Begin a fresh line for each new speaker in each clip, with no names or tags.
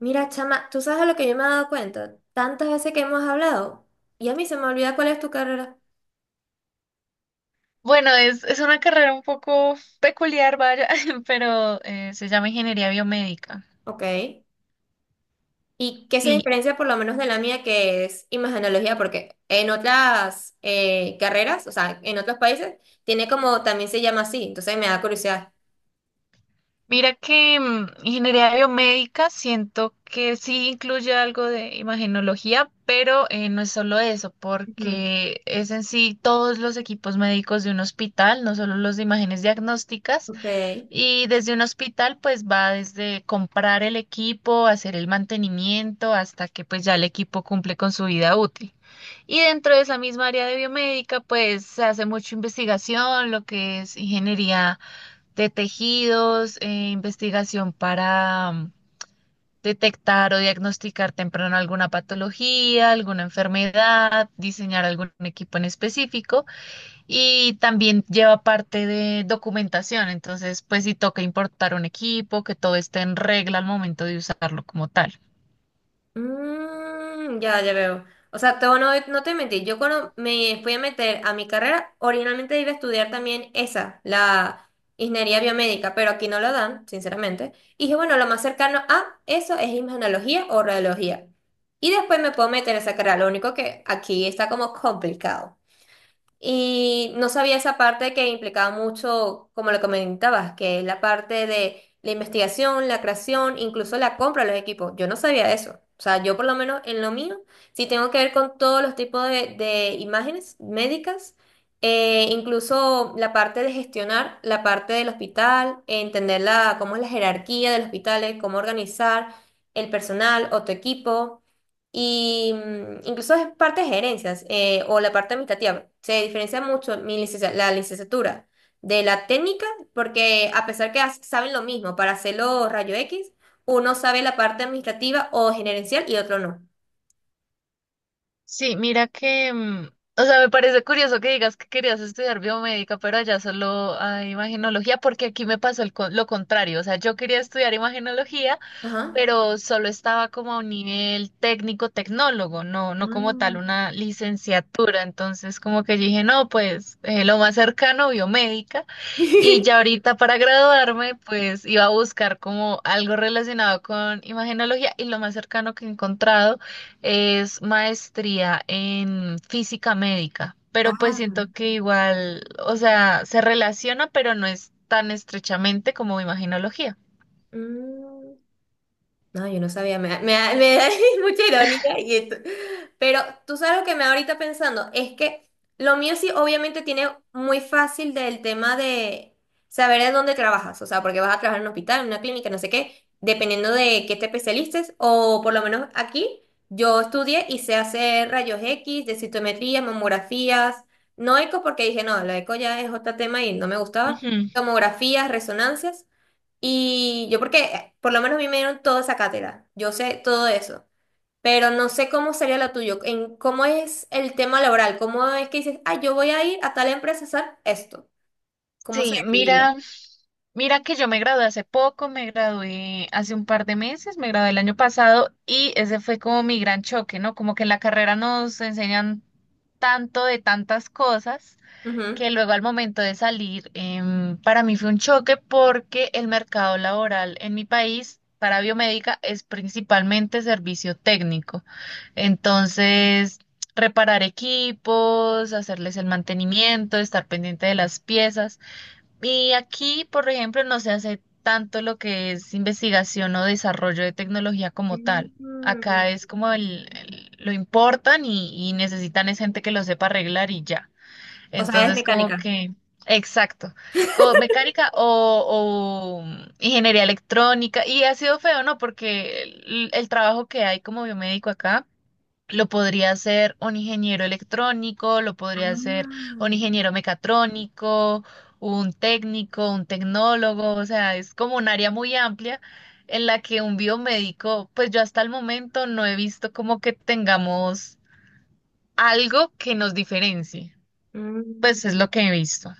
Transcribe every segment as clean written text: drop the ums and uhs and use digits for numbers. Mira, chama, ¿tú sabes a lo que yo me he dado cuenta? Tantas veces que hemos hablado y a mí se me olvida cuál es tu carrera.
Bueno, es una carrera un poco peculiar, vaya, pero se llama ingeniería biomédica.
Ok. ¿Y qué se
Sí,
diferencia por lo menos de la mía que es imagenología? Porque en otras carreras, o sea, en otros países, tiene como, también se llama así, entonces me da curiosidad.
mira que ingeniería biomédica siento que sí incluye algo de imagenología, pero no es solo eso,
Ujú.
porque es en sí todos los equipos médicos de un hospital, no solo los de imágenes diagnósticas.
Ok.
Y desde un hospital, pues va desde comprar el equipo, hacer el mantenimiento, hasta que pues ya el equipo cumple con su vida útil. Y dentro de esa misma área de biomédica, pues se hace mucha investigación, lo que es ingeniería de tejidos, investigación para detectar o diagnosticar temprano alguna patología, alguna enfermedad, diseñar algún equipo en específico y también lleva parte de documentación. Entonces, pues si toca importar un equipo, que todo esté en regla al momento de usarlo como tal.
Mm, ya, ya veo. O sea, todo no, no te mentí. Yo cuando me fui a meter a mi carrera, originalmente iba a estudiar también esa, la ingeniería biomédica, pero aquí no lo dan, sinceramente. Y dije, bueno, lo más cercano a eso es imagenología o radiología. Y después me puedo meter a esa carrera. Lo único que aquí está como complicado. Y no sabía esa parte que implicaba mucho, como lo comentabas, que es la parte de la investigación, la creación, incluso la compra de los equipos. Yo no sabía eso. O sea, yo por lo menos en lo mío, sí tengo que ver con todos los tipos de imágenes médicas, incluso la parte de gestionar, la parte del hospital, entender la, cómo es la jerarquía del hospital, cómo organizar el personal o tu equipo. Y incluso es parte de gerencias o la parte administrativa. Se diferencia mucho la licenciatura de la técnica porque a pesar que saben lo mismo para hacerlo rayo X, uno sabe la parte administrativa o gerencial y otro no.
Sí, mira que, o sea, me parece curioso que digas que querías estudiar biomédica, pero allá solo hay imagenología, porque aquí me pasó lo contrario, o sea, yo quería estudiar imagenología,
Ajá.
pero solo estaba como a un nivel técnico-tecnólogo, no, no como tal
Ah.
una licenciatura, entonces como que yo dije, no, pues lo más cercano, biomédica, y ya ahorita para graduarme, pues iba a buscar como algo relacionado con imagenología, y lo más cercano que he encontrado es maestría en física médica, pero pues
Ah.
siento que igual, o sea, se relaciona, pero no es tan estrechamente como imaginología.
Mm. No, yo no sabía, me da mucha ironía y esto. Pero tú sabes lo que me da ahorita pensando, es que lo mío sí obviamente tiene muy fácil del tema de saber en dónde trabajas, o sea, porque vas a trabajar en un hospital, en una clínica, no sé qué, dependiendo de qué te especialices, o por lo menos aquí yo estudié y sé hacer rayos X, densitometría, mamografías, no eco porque dije, no, la eco ya es otro tema y no me gustaba,
Ujú.
tomografías, resonancias. Y yo porque, por lo menos a mí me dieron toda esa cátedra, yo sé todo eso, pero no sé cómo sería la tuya, en cómo es el tema laboral, cómo es que dices, ah, yo voy a ir a tal empresa a hacer esto, cómo se
Sí,
definiría.
mira, mira que yo me gradué hace poco, me gradué hace un par de meses, me gradué el año pasado y ese fue como mi gran choque, ¿no? Como que en la carrera nos enseñan tanto de tantas cosas
Ujú.
que luego al momento de salir, para mí fue un choque porque el mercado laboral en mi país para biomédica es principalmente servicio técnico. Entonces, reparar equipos, hacerles el mantenimiento, estar pendiente de las piezas. Y aquí, por ejemplo, no se hace tanto lo que es investigación o desarrollo de tecnología como tal.
Mm.
Acá es como lo importan y necesitan es gente que lo sepa arreglar y ya.
O sea, es
Entonces, como
mecánica.
que, exacto, como mecánica o ingeniería electrónica. Y ha sido feo, ¿no? Porque el trabajo que hay como biomédico acá lo podría hacer un ingeniero electrónico, lo podría hacer
Ah.
un ingeniero mecatrónico, un técnico, un tecnólogo. O sea, es como un área muy amplia en la que un biomédico, pues yo hasta el momento no he visto como que tengamos algo que nos diferencie. Pues es
Mm.
lo que he visto.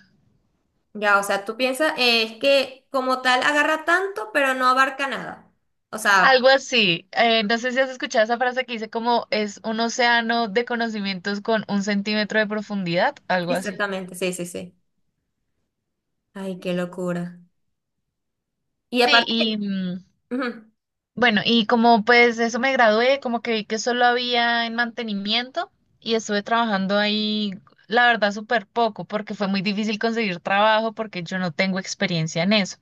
Ya, o sea, tú piensas, es que como tal agarra tanto, pero no abarca nada. O sea,
Algo así. No sé si has escuchado esa frase que dice como es un océano de conocimientos con un centímetro de profundidad, algo así.
exactamente, sí, sí, sí. Ay, qué locura. Y
Sí,
aparte,
y
ujú.
bueno, y como pues eso me gradué, como que vi que solo había en mantenimiento y estuve trabajando ahí, la verdad, súper poco, porque fue muy difícil conseguir trabajo porque yo no tengo experiencia en eso.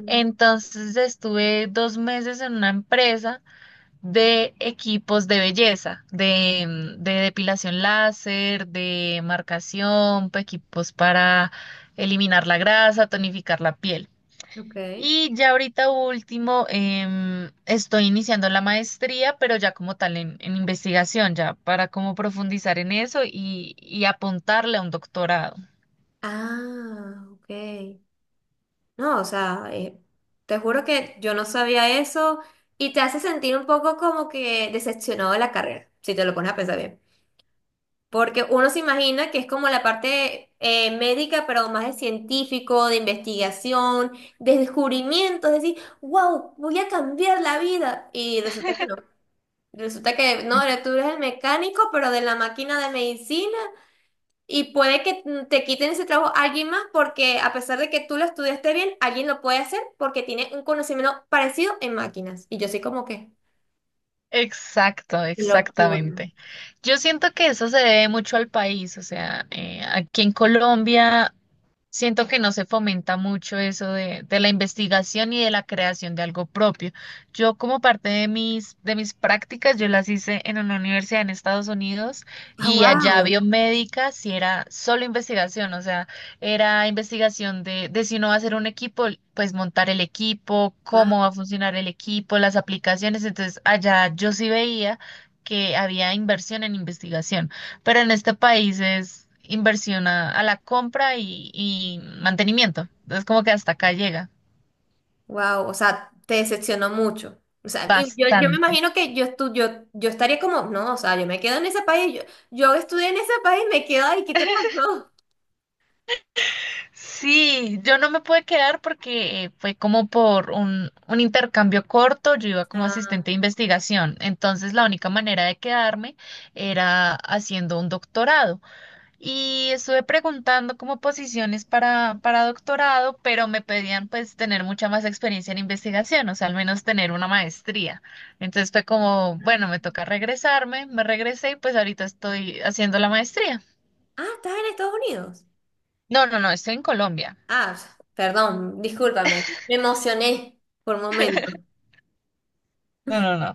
Mm.
Entonces estuve dos meses en una empresa de equipos de belleza, de, de depilación láser, de marcación, equipos para eliminar la grasa, tonificar la piel.
Ok.
Y ya ahorita último, estoy iniciando la maestría, pero ya como tal en investigación, ya para como profundizar en eso y apuntarle a un doctorado.
Ah, ok. No, o sea, te juro que yo no sabía eso y te hace sentir un poco como que decepcionado de la carrera, si te lo pones a pensar bien. Porque uno se imagina que es como la parte médica, pero más de científico, de investigación, de descubrimiento, es decir, wow, voy a cambiar la vida. Y resulta que no. Resulta que no, tú eres el mecánico, pero de la máquina de medicina y puede que te quiten ese trabajo a alguien más porque a pesar de que tú lo estudiaste bien, alguien lo puede hacer porque tiene un conocimiento parecido en máquinas. Y yo soy como que,
Exacto,
qué locura.
exactamente. Yo siento que eso se debe mucho al país, o sea, aquí en Colombia siento que no se fomenta mucho eso de la investigación y de la creación de algo propio. Yo como parte de mis prácticas, yo las hice en una universidad en Estados Unidos
Ah,
y allá
wow,
biomédica si era solo investigación, o sea, era investigación de si uno va a hacer un equipo, pues montar el equipo, cómo va a funcionar el equipo, las aplicaciones. Entonces allá yo sí veía que había inversión en investigación. Pero en este país es inversión a la compra y mantenimiento. Entonces como que hasta acá llega.
wow, o sea, te decepcionó mucho. O sea, y yo me
Bastante.
imagino que yo estaría como, no, o sea, yo me quedo en ese país, yo estudié en ese país, me quedo ahí, ¿qué te pasó?
Sí, yo no me pude quedar porque fue como por un intercambio corto, yo iba como
Ah,
asistente de investigación, entonces la única manera de quedarme era haciendo un doctorado. Y estuve preguntando como posiciones para doctorado, pero me pedían pues tener mucha más experiencia en investigación, o sea, al menos tener una maestría. Entonces fue como, bueno, me
ah,
toca regresarme, me regresé y pues ahorita estoy haciendo la maestría.
ah, estás en Estados Unidos.
No, no, no, estoy en Colombia.
Ah, perdón, discúlpame, me emocioné por un momento.
No, no, no.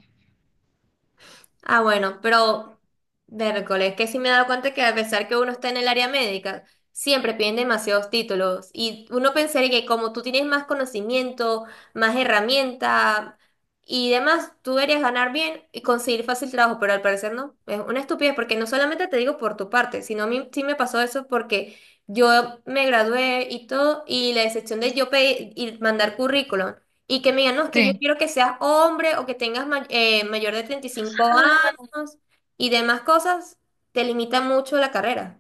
Ah, bueno, pero miércoles, que sí me he dado cuenta que a pesar que uno está en el área médica, siempre piden demasiados títulos. Y uno pensaría que como tú tienes más conocimiento, más herramienta y demás, tú deberías ganar bien y conseguir fácil trabajo, pero al parecer no. Es una estupidez porque no solamente te digo por tu parte, sino a mí sí me pasó eso porque yo me gradué y todo, y la excepción de yo pedir y mandar currículum. Y que me digan, no, es que yo
Sí.
quiero que seas hombre o que tengas mayor de 35 años y demás cosas, te limita mucho la carrera.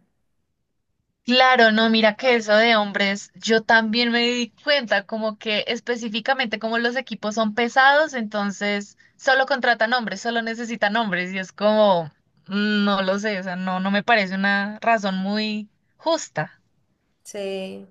Claro, no, mira que eso de hombres, yo también me di cuenta, como que específicamente como los equipos son pesados, entonces solo contratan hombres, solo necesitan hombres, y es como, no lo sé, o sea, no, no me parece una razón muy justa.
Sí.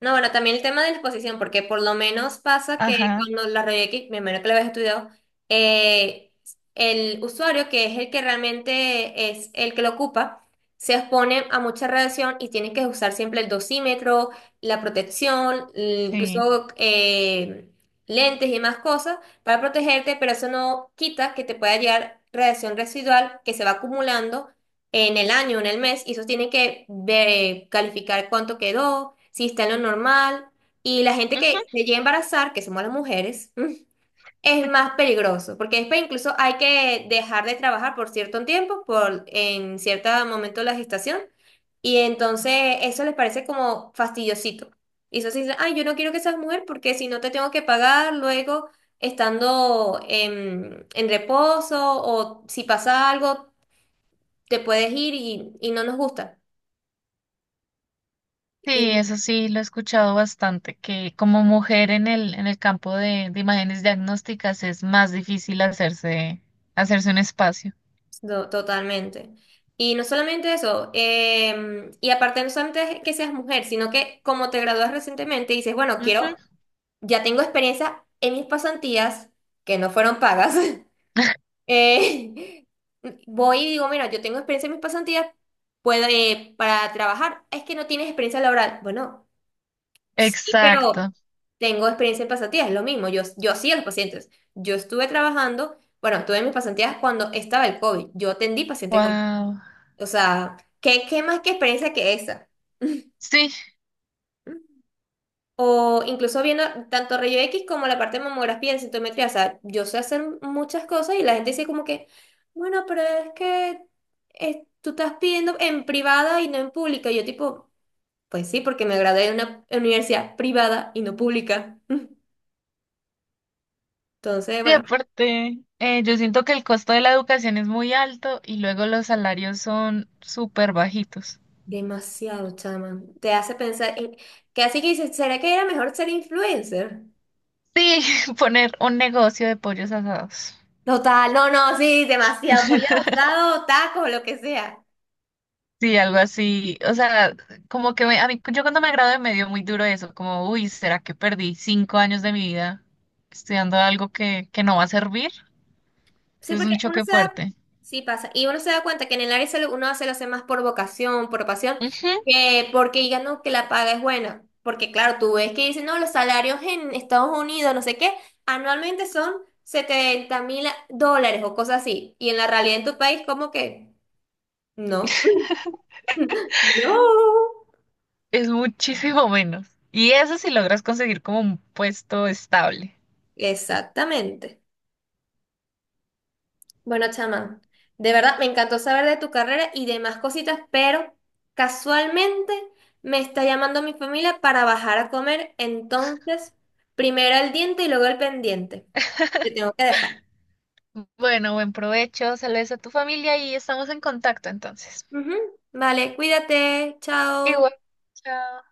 No, bueno, también el tema de la exposición, porque por lo menos pasa que
Ajá,
cuando la review, que me imagino que lo habéis estudiado, eh, el usuario, que es el que realmente es el que lo ocupa, se expone a mucha radiación y tiene que usar siempre el dosímetro, la protección,
sí.
incluso lentes y más cosas para protegerte, pero eso no quita que te pueda llegar radiación residual que se va acumulando en el año, en el mes, y eso tiene que ver, calificar cuánto quedó, si está en lo normal. Y la gente
Ujú.
que se llega a embarazar, que somos las mujeres, mm, es más peligroso, porque después incluso hay que dejar de trabajar por cierto tiempo, por en cierto momento de la gestación, y entonces eso les parece como fastidiosito. Y eso se dice, ay, yo no quiero que seas mujer porque si no te tengo que pagar luego estando en reposo o si pasa algo te puedes ir y no nos gusta. Y
Sí, eso sí, lo he escuchado bastante, que como mujer en el campo de imágenes diagnósticas es más difícil hacerse, hacerse un espacio.
no, totalmente. Y no solamente eso, y aparte no solamente es que seas mujer, sino que como te gradúas recientemente, dices, bueno,
Ujú.
quiero, ya tengo experiencia en mis pasantías, que no fueron pagas. eh, voy y digo, mira, yo tengo experiencia en mis pasantías, puedo, para trabajar, es que no tienes experiencia laboral. Bueno. Sí, pero
Exacto.
tengo experiencia en pasantías, es lo mismo. Yo hacía los pacientes. Yo estuve trabajando, bueno, tuve mis pasantías cuando estaba el COVID. Yo atendí pacientes con...
Wow.
O sea, ¿qué más que experiencia que esa?
Sí,
O incluso viendo tanto rayo X como la parte de mamografía en sintometría. O sea, yo sé hacer muchas cosas y la gente dice como que, bueno, pero es que tú estás pidiendo en privada y no en pública. Y yo tipo, pues sí, porque me gradué de una universidad privada y no pública. Entonces,
y
bueno,
aparte, yo siento que el costo de la educación es muy alto y luego los salarios son súper bajitos.
demasiado, chama. Te hace pensar, que así que dices, ¿será que era mejor ser influencer?
Sí, poner un negocio de pollos asados.
Total, no, no, sí, demasiado. Pollo asado, taco, lo que sea.
Sí, algo así. O sea, como que a mí, yo cuando me gradué me dio muy duro eso, como, uy, ¿será que perdí 5 años de mi vida estudiando algo que no va a servir?
Sí,
Entonces es
porque
un
uno
choque
se da,
fuerte.
sí pasa, y uno se da cuenta que en el área de salud uno se lo hace más por vocación, por pasión,
Ujú.
que porque digan, no, que la paga es buena. Porque claro, tú ves que dicen, no, los salarios en Estados Unidos, no sé qué, anualmente son $70,000 o cosas así. Y en la realidad en tu país, como que no. No.
Es muchísimo menos. Y eso si logras conseguir como un puesto estable.
Exactamente. Bueno, chamán, de verdad me encantó saber de tu carrera y demás cositas, pero casualmente me está llamando mi familia para bajar a comer, entonces primero el diente y luego el pendiente. Te tengo que dejar.
Bueno, buen provecho, saludos a tu familia y estamos en contacto entonces.
Ujú. Vale, cuídate, chao.
Igual, chao.